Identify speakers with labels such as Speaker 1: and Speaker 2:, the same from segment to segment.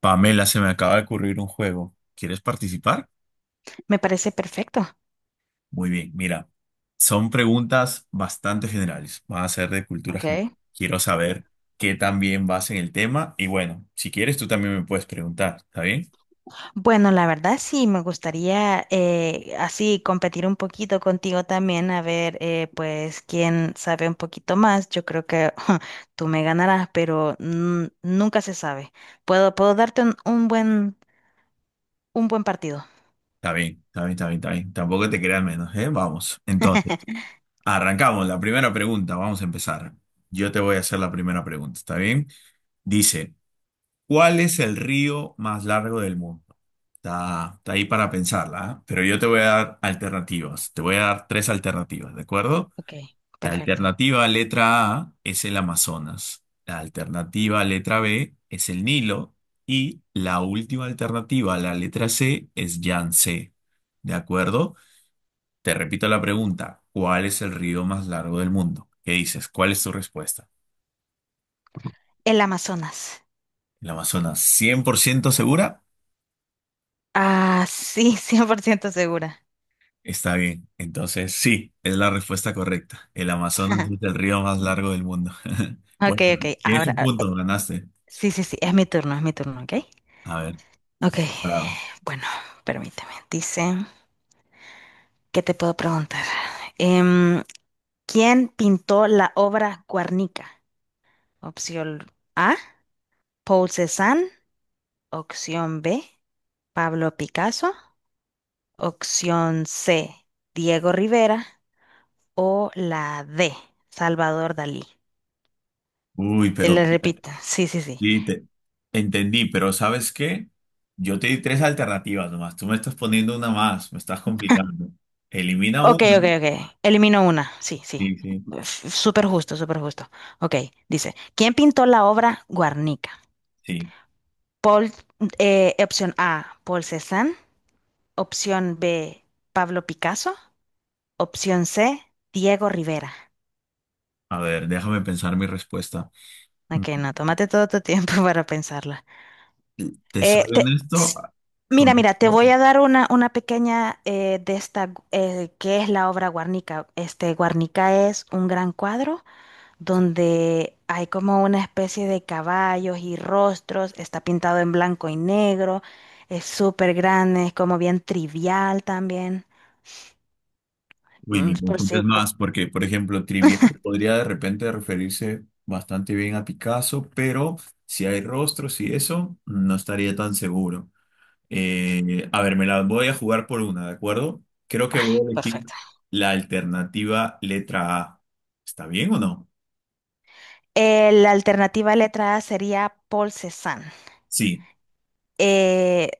Speaker 1: Pamela, se me acaba de ocurrir un juego. ¿Quieres participar?
Speaker 2: Me parece perfecto.
Speaker 1: Muy bien, mira, son preguntas bastante generales. Van a ser de cultura general.
Speaker 2: Ok.
Speaker 1: Quiero saber qué también vas en el tema. Y bueno, si quieres, tú también me puedes preguntar. ¿Está bien?
Speaker 2: Bueno, la verdad sí, me gustaría así competir un poquito contigo también, a ver, pues, quién sabe un poquito más. Yo creo que tú me ganarás, pero nunca se sabe. Puedo darte un buen, un buen partido.
Speaker 1: Está bien, está bien, está bien, está bien. Tampoco te creas menos, ¿eh? Vamos. Entonces, arrancamos. La primera pregunta, vamos a empezar. Yo te voy a hacer la primera pregunta, ¿está bien? Dice, ¿cuál es el río más largo del mundo? Está ahí para pensarla, ¿ah? Pero yo te voy a dar alternativas. Te voy a dar tres alternativas, ¿de acuerdo?
Speaker 2: Ok,
Speaker 1: La
Speaker 2: perfecto.
Speaker 1: alternativa letra A es el Amazonas. La alternativa letra B es el Nilo. Y la última alternativa, la letra C, es Yangtze. ¿De acuerdo? Te repito la pregunta. ¿Cuál es el río más largo del mundo? ¿Qué dices? ¿Cuál es tu respuesta?
Speaker 2: El Amazonas.
Speaker 1: ¿El Amazonas 100% segura?
Speaker 2: Ah, sí, 100% segura.
Speaker 1: Está bien. Entonces, sí, es la respuesta correcta. El Amazonas es el río más largo del mundo.
Speaker 2: Ok,
Speaker 1: Bueno,
Speaker 2: ok,
Speaker 1: tienes
Speaker 2: ahora,
Speaker 1: un
Speaker 2: ah,
Speaker 1: punto, ganaste.
Speaker 2: sí, sí, sí, es mi turno, ¿ok?
Speaker 1: A ver,
Speaker 2: Ok,
Speaker 1: parado.
Speaker 2: bueno, permíteme, dice... ¿Qué te puedo preguntar? Em, ¿Quién pintó la obra Guernica? Opción A, Paul Cézanne. Opción B, Pablo Picasso. Opción C, Diego Rivera. O la D, Salvador Dalí.
Speaker 1: Uy,
Speaker 2: Te
Speaker 1: pero
Speaker 2: la repito. Sí, sí, sí.
Speaker 1: sí, entendí, pero ¿sabes qué? Yo te di tres alternativas nomás. Tú me estás poniendo una más, me estás complicando. Elimina
Speaker 2: Ok, ok,
Speaker 1: una.
Speaker 2: ok. Elimino una. Sí, sí.
Speaker 1: Sí, sí,
Speaker 2: Súper justo, súper justo. Ok, dice, ¿quién pintó la obra Guernica?
Speaker 1: sí.
Speaker 2: Paul, opción A, Paul Cézanne. Opción B, Pablo Picasso. Opción C, Diego Rivera.
Speaker 1: A ver, déjame pensar mi respuesta. Mm,
Speaker 2: Ok, no, tómate todo tu tiempo para pensarla.
Speaker 1: Te
Speaker 2: Eh,
Speaker 1: soy
Speaker 2: te-
Speaker 1: honesto,
Speaker 2: s- mira, mira, te
Speaker 1: conozco.
Speaker 2: voy a dar una pequeña de esta, que es la obra Guarnica. Este, Guarnica es un gran cuadro donde hay como una especie de caballos y rostros, está pintado en blanco y negro, es súper grande, es como bien trivial también.
Speaker 1: Uy,
Speaker 2: Mm,
Speaker 1: me
Speaker 2: por si-
Speaker 1: confundes
Speaker 2: por-
Speaker 1: más porque, por ejemplo, Trivial podría de repente referirse bastante bien a Picasso, pero si hay rostros y eso, no estaría tan seguro. A ver, me la voy a jugar por una, ¿de acuerdo? Creo que
Speaker 2: Ay,
Speaker 1: voy a elegir
Speaker 2: perfecto.
Speaker 1: la alternativa letra A. ¿Está bien o no?
Speaker 2: La alternativa letra A sería Paul Cézanne.
Speaker 1: Sí,
Speaker 2: Eh,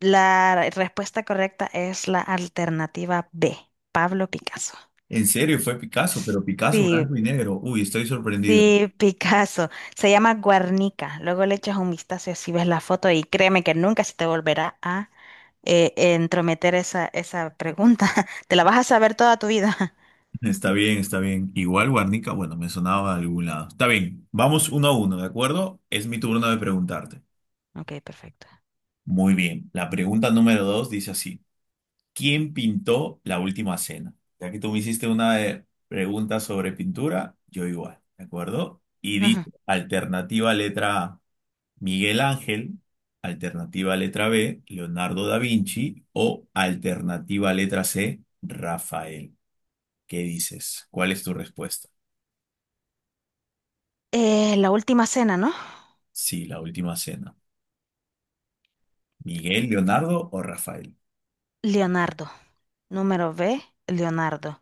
Speaker 2: la respuesta correcta es la alternativa B, Pablo Picasso.
Speaker 1: en serio fue Picasso, pero Picasso
Speaker 2: Sí,
Speaker 1: blanco y negro. Uy, estoy sorprendido.
Speaker 2: sí, Picasso. Se llama Guernica. Luego le echas un vistazo y así ves la foto y créeme que nunca se te volverá a entrometer esa, esa pregunta. Te la vas a saber toda tu vida.
Speaker 1: Está bien, está bien. Igual Guarnica, bueno, me sonaba de algún lado. Está bien, vamos uno a uno, ¿de acuerdo? Es mi turno de preguntarte.
Speaker 2: Ok, perfecto.
Speaker 1: Muy bien. La pregunta número dos dice así. ¿Quién pintó la última cena? Ya que tú me hiciste una pregunta sobre pintura, yo igual, ¿de acuerdo? Y dice,
Speaker 2: Ujú.
Speaker 1: alternativa letra A, Miguel Ángel, alternativa letra B, Leonardo da Vinci o alternativa letra C, Rafael. ¿Qué dices? ¿Cuál es tu respuesta?
Speaker 2: La última cena, ¿no?
Speaker 1: Sí, la última cena. ¿Miguel, Leonardo o Rafael?
Speaker 2: Leonardo. Número B, Leonardo.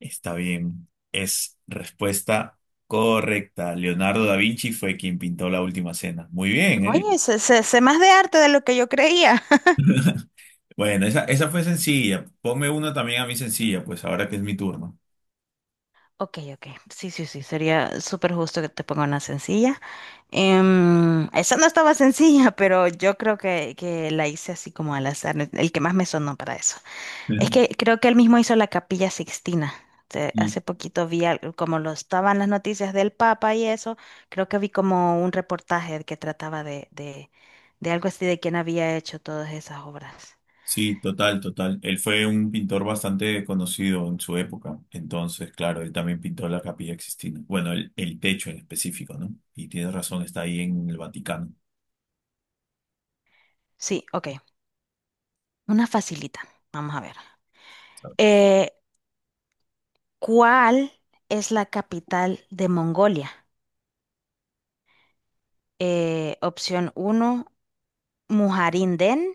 Speaker 1: Está bien. Es respuesta correcta. Leonardo da Vinci fue quien pintó la última cena. Muy bien, ¿eh?
Speaker 2: Oye, sé más de arte de lo que yo creía.
Speaker 1: Bueno, esa fue sencilla. Ponme una también a mí sencilla, pues ahora que es mi turno.
Speaker 2: Ok, ok. Sí, sí, sí. Sería súper justo que te ponga una sencilla. Esa no estaba sencilla, pero yo creo que la hice así como al azar. El que más me sonó para eso. Es que creo que él mismo hizo la Capilla Sixtina.
Speaker 1: Sí,
Speaker 2: Hace poquito vi, como lo estaban las noticias del Papa y eso, creo que vi como un reportaje que trataba de algo así de quién había hecho todas esas obras.
Speaker 1: sí, total, total. Él fue un pintor bastante conocido en su época. Entonces, claro, él también pintó la Capilla Sixtina. Bueno, el techo en específico, ¿no? Y tienes razón, está ahí en el Vaticano.
Speaker 2: Sí, ok. Una facilita. Vamos a ver. Eh, ¿Cuál es la capital de Mongolia? Opción 1, Mujarinden.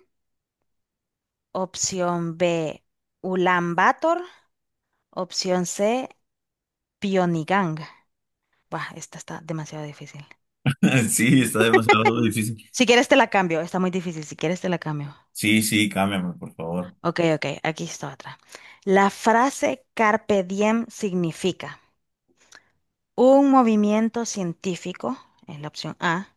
Speaker 2: Opción B, Ulan Bator. Opción C, Pionigang. Buah, esta está demasiado difícil.
Speaker 1: Sí, está demasiado difícil.
Speaker 2: Si quieres te la cambio, está muy difícil. Si quieres te la cambio.
Speaker 1: Sí, sí, cámbiame, por favor.
Speaker 2: Ok, ok, aquí está otra. La frase carpe diem significa un movimiento científico, en la opción A.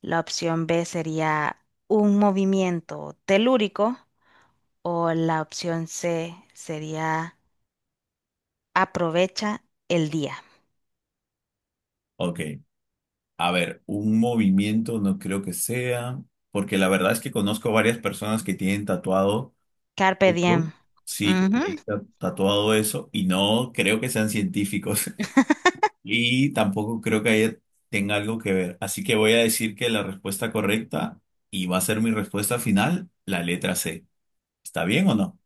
Speaker 2: La opción B sería un movimiento telúrico o la opción C sería aprovecha el día.
Speaker 1: Ok. A ver, un movimiento no creo que sea, porque la verdad es que conozco varias personas que tienen tatuado,
Speaker 2: Carpe diem.
Speaker 1: Eso. Sí, que
Speaker 2: Ujú.
Speaker 1: tienen tatuado eso, y no creo que sean científicos, y tampoco creo que tenga algo que ver. Así que voy a decir que la respuesta correcta, y va a ser mi respuesta final, la letra C. ¿Está bien o no?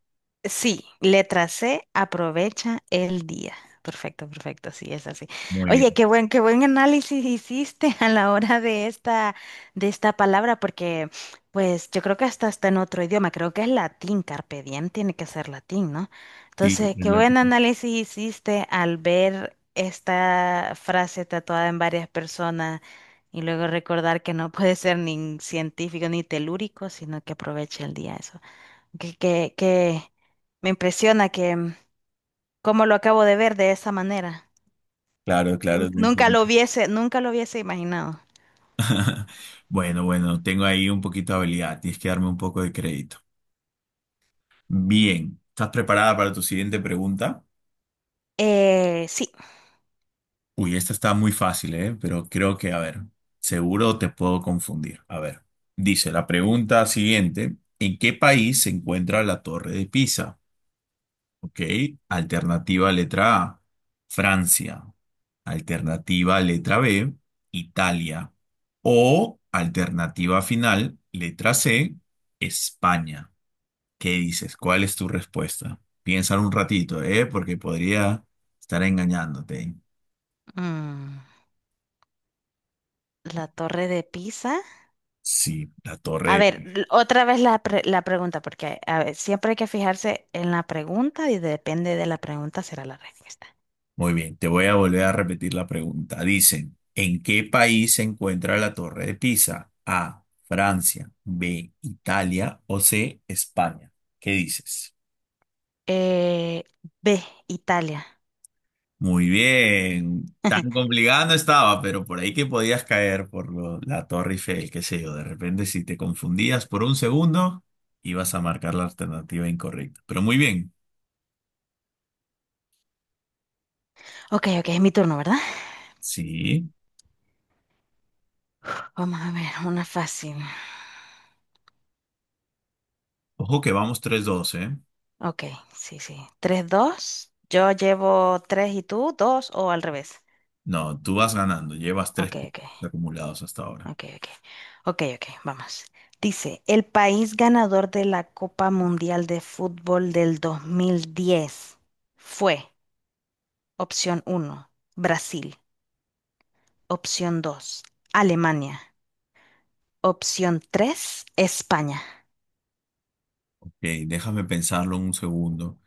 Speaker 2: Sí, letra C, aprovecha el día. Perfecto, perfecto, sí, es así.
Speaker 1: Muy
Speaker 2: Oye,
Speaker 1: bien.
Speaker 2: qué buen análisis hiciste a la hora de esta palabra, porque pues yo creo que hasta está en otro idioma, creo que es latín, carpe diem tiene que ser latín, ¿no?
Speaker 1: Sí,
Speaker 2: Entonces,
Speaker 1: es
Speaker 2: qué
Speaker 1: la...
Speaker 2: buen análisis hiciste al ver esta frase tatuada en varias personas y luego recordar que no puede ser ni científico ni telúrico, sino que aprovecha el día, eso que me impresiona que cómo lo acabo de ver de esa manera.
Speaker 1: Claro, claro. Bien,
Speaker 2: Nunca
Speaker 1: bien.
Speaker 2: lo hubiese, nunca lo hubiese imaginado.
Speaker 1: Bueno, bueno, tengo ahí un poquito de habilidad, tienes que darme un poco de crédito. Bien, ¿estás preparada para tu siguiente pregunta?
Speaker 2: Sí.
Speaker 1: Uy, esta está muy fácil, ¿eh? Pero creo que, a ver, seguro te puedo confundir. A ver, dice la pregunta siguiente, ¿en qué país se encuentra la Torre de Pisa? Ok, alternativa letra A, Francia. Alternativa letra B, Italia. O alternativa final, letra C, España. ¿Qué dices? ¿Cuál es tu respuesta? Piénsalo un ratito, ¿eh? Porque podría estar engañándote.
Speaker 2: Mm, la Torre de Pisa.
Speaker 1: Sí, la
Speaker 2: A
Speaker 1: torre.
Speaker 2: ver, otra vez la, la pregunta, porque a ver, siempre hay que fijarse en la pregunta y depende de la pregunta será la respuesta.
Speaker 1: Muy bien, te voy a volver a repetir la pregunta. Dicen, ¿en qué país se encuentra la torre de Pisa? A, Francia, B, Italia o C, España. ¿Qué dices?
Speaker 2: Eh, B, Italia.
Speaker 1: Muy bien. Tan complicado no estaba, pero por ahí que podías caer por la Torre Eiffel, qué sé yo. De repente, si te confundías por un segundo, ibas a marcar la alternativa incorrecta. Pero muy bien.
Speaker 2: Ok, ok, es mi turno, ¿verdad?
Speaker 1: Sí.
Speaker 2: Vamos a ver, una fácil.
Speaker 1: Ojo que vamos tres 2, ¿eh?
Speaker 2: Ok, sí, sí. Tres, dos. Yo llevo 3 y tú 2 o al revés.
Speaker 1: No, tú vas ganando. Llevas tres
Speaker 2: Ok, ok,
Speaker 1: puntos acumulados hasta ahora.
Speaker 2: ok, ok. Ok, ok, vamos. Dice, el país ganador de la Copa Mundial de Fútbol del 2010 fue opción uno: Brasil, opción 2: Alemania, opción 3: España.
Speaker 1: Ok, déjame pensarlo un segundo.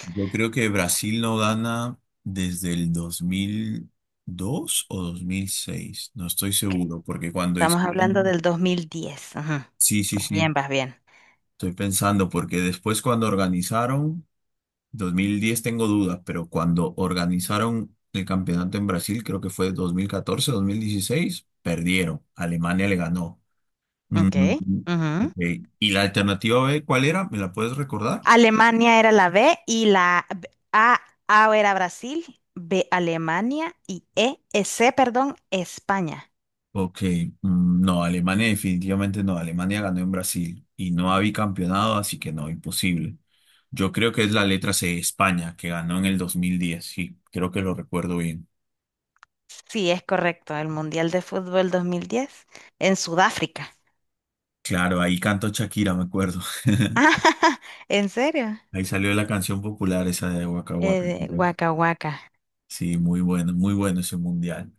Speaker 1: Yo creo que Brasil no gana desde el dos mil dos o dos mil seis. No estoy
Speaker 2: Ok,
Speaker 1: seguro, porque cuando
Speaker 2: estamos hablando
Speaker 1: hicieron...
Speaker 2: del 2010. Ujú.
Speaker 1: Sí, sí,
Speaker 2: Vas
Speaker 1: sí.
Speaker 2: bien, vas bien.
Speaker 1: Estoy pensando, porque después cuando organizaron, 2010 tengo dudas, pero cuando organizaron el campeonato en Brasil, creo que fue dos mil catorce, dos mil dieciséis perdieron. Alemania le ganó. Mm,
Speaker 2: Ok.
Speaker 1: ok. ¿Y la alternativa B cuál era? ¿Me la puedes recordar?
Speaker 2: Alemania era la B y A era Brasil, B Alemania y C, perdón, España.
Speaker 1: Ok, mm, no, Alemania definitivamente no. Alemania ganó en Brasil y no había campeonado, así que no, imposible. Yo creo que es la letra C, España, que ganó en el dos mil diez, sí, creo que lo recuerdo bien.
Speaker 2: Sí, es correcto, el Mundial de Fútbol 2010 en Sudáfrica.
Speaker 1: Claro, ahí cantó Shakira, me acuerdo.
Speaker 2: Ah, ¿en serio?
Speaker 1: Ahí salió la canción popular esa de Waka Waka, creo.
Speaker 2: Guaca, guaca.
Speaker 1: Sí, muy bueno, muy bueno ese mundial.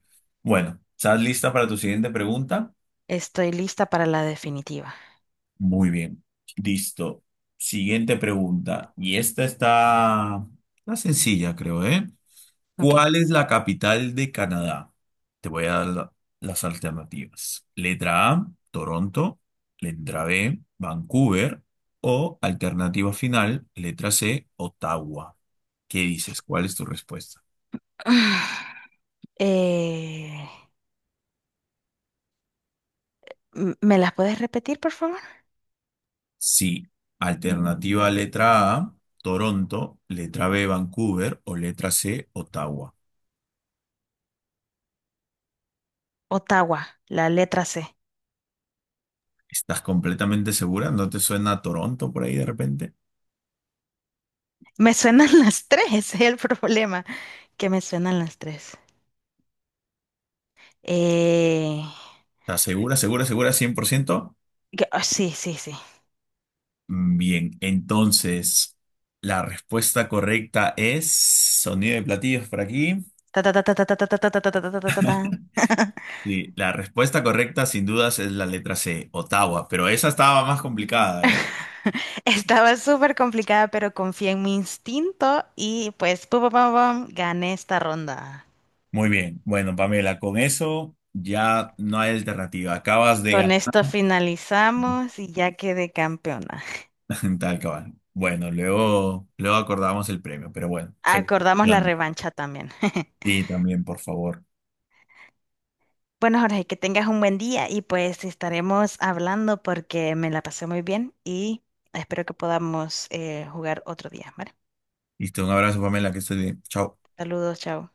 Speaker 1: Bueno, ¿estás lista para tu siguiente pregunta?
Speaker 2: Estoy lista para la definitiva.
Speaker 1: Muy bien, listo. Siguiente pregunta. Y está sencilla, creo, ¿eh?
Speaker 2: Ok.
Speaker 1: ¿Cuál es la capital de Canadá? Te voy a dar las alternativas. Letra A, Toronto. Letra B, Vancouver. O alternativa final, letra C, Ottawa. ¿Qué dices? ¿Cuál es tu respuesta?
Speaker 2: Eh, ¿me las puedes repetir, por favor?
Speaker 1: Sí, alternativa letra A, Toronto, letra B, Vancouver o letra C, Ottawa.
Speaker 2: Ottawa, la letra C.
Speaker 1: ¿Estás completamente segura? ¿No te suena a Toronto por ahí de repente?
Speaker 2: Me suenan las tres, ese es el problema, que me suenan las tres. Eh,
Speaker 1: ¿Estás segura, segura, segura, 100%?
Speaker 2: ah, sí, sí, sí.
Speaker 1: Bien, entonces la respuesta correcta es sonido de platillos por aquí.
Speaker 2: Ta, ta, ta, ta, ta, ta, ta, ta, ta, ta, ta, ta, ta, ta, ta, ta.
Speaker 1: Sí, la respuesta correcta sin dudas es la letra C, Ottawa, pero esa estaba más complicada, ¿eh?
Speaker 2: Estaba súper complicada, pero confié en mi instinto y pues pum, pum, pum, pum, gané esta ronda.
Speaker 1: Muy bien, bueno, Pamela, con eso ya no hay alternativa, acabas de
Speaker 2: Con
Speaker 1: ganar.
Speaker 2: esto finalizamos y ya quedé campeona.
Speaker 1: Tal cabal. Bueno, luego, luego acordamos el premio, pero bueno,
Speaker 2: Acordamos la
Speaker 1: felicitaciones.
Speaker 2: revancha también.
Speaker 1: Sí, también, por favor.
Speaker 2: Bueno, Jorge, que tengas un buen día y pues estaremos hablando porque me la pasé muy bien y espero que podamos jugar otro día, ¿vale?
Speaker 1: Listo, un abrazo, Pamela, que estés bien. Chao.
Speaker 2: Saludos, chao.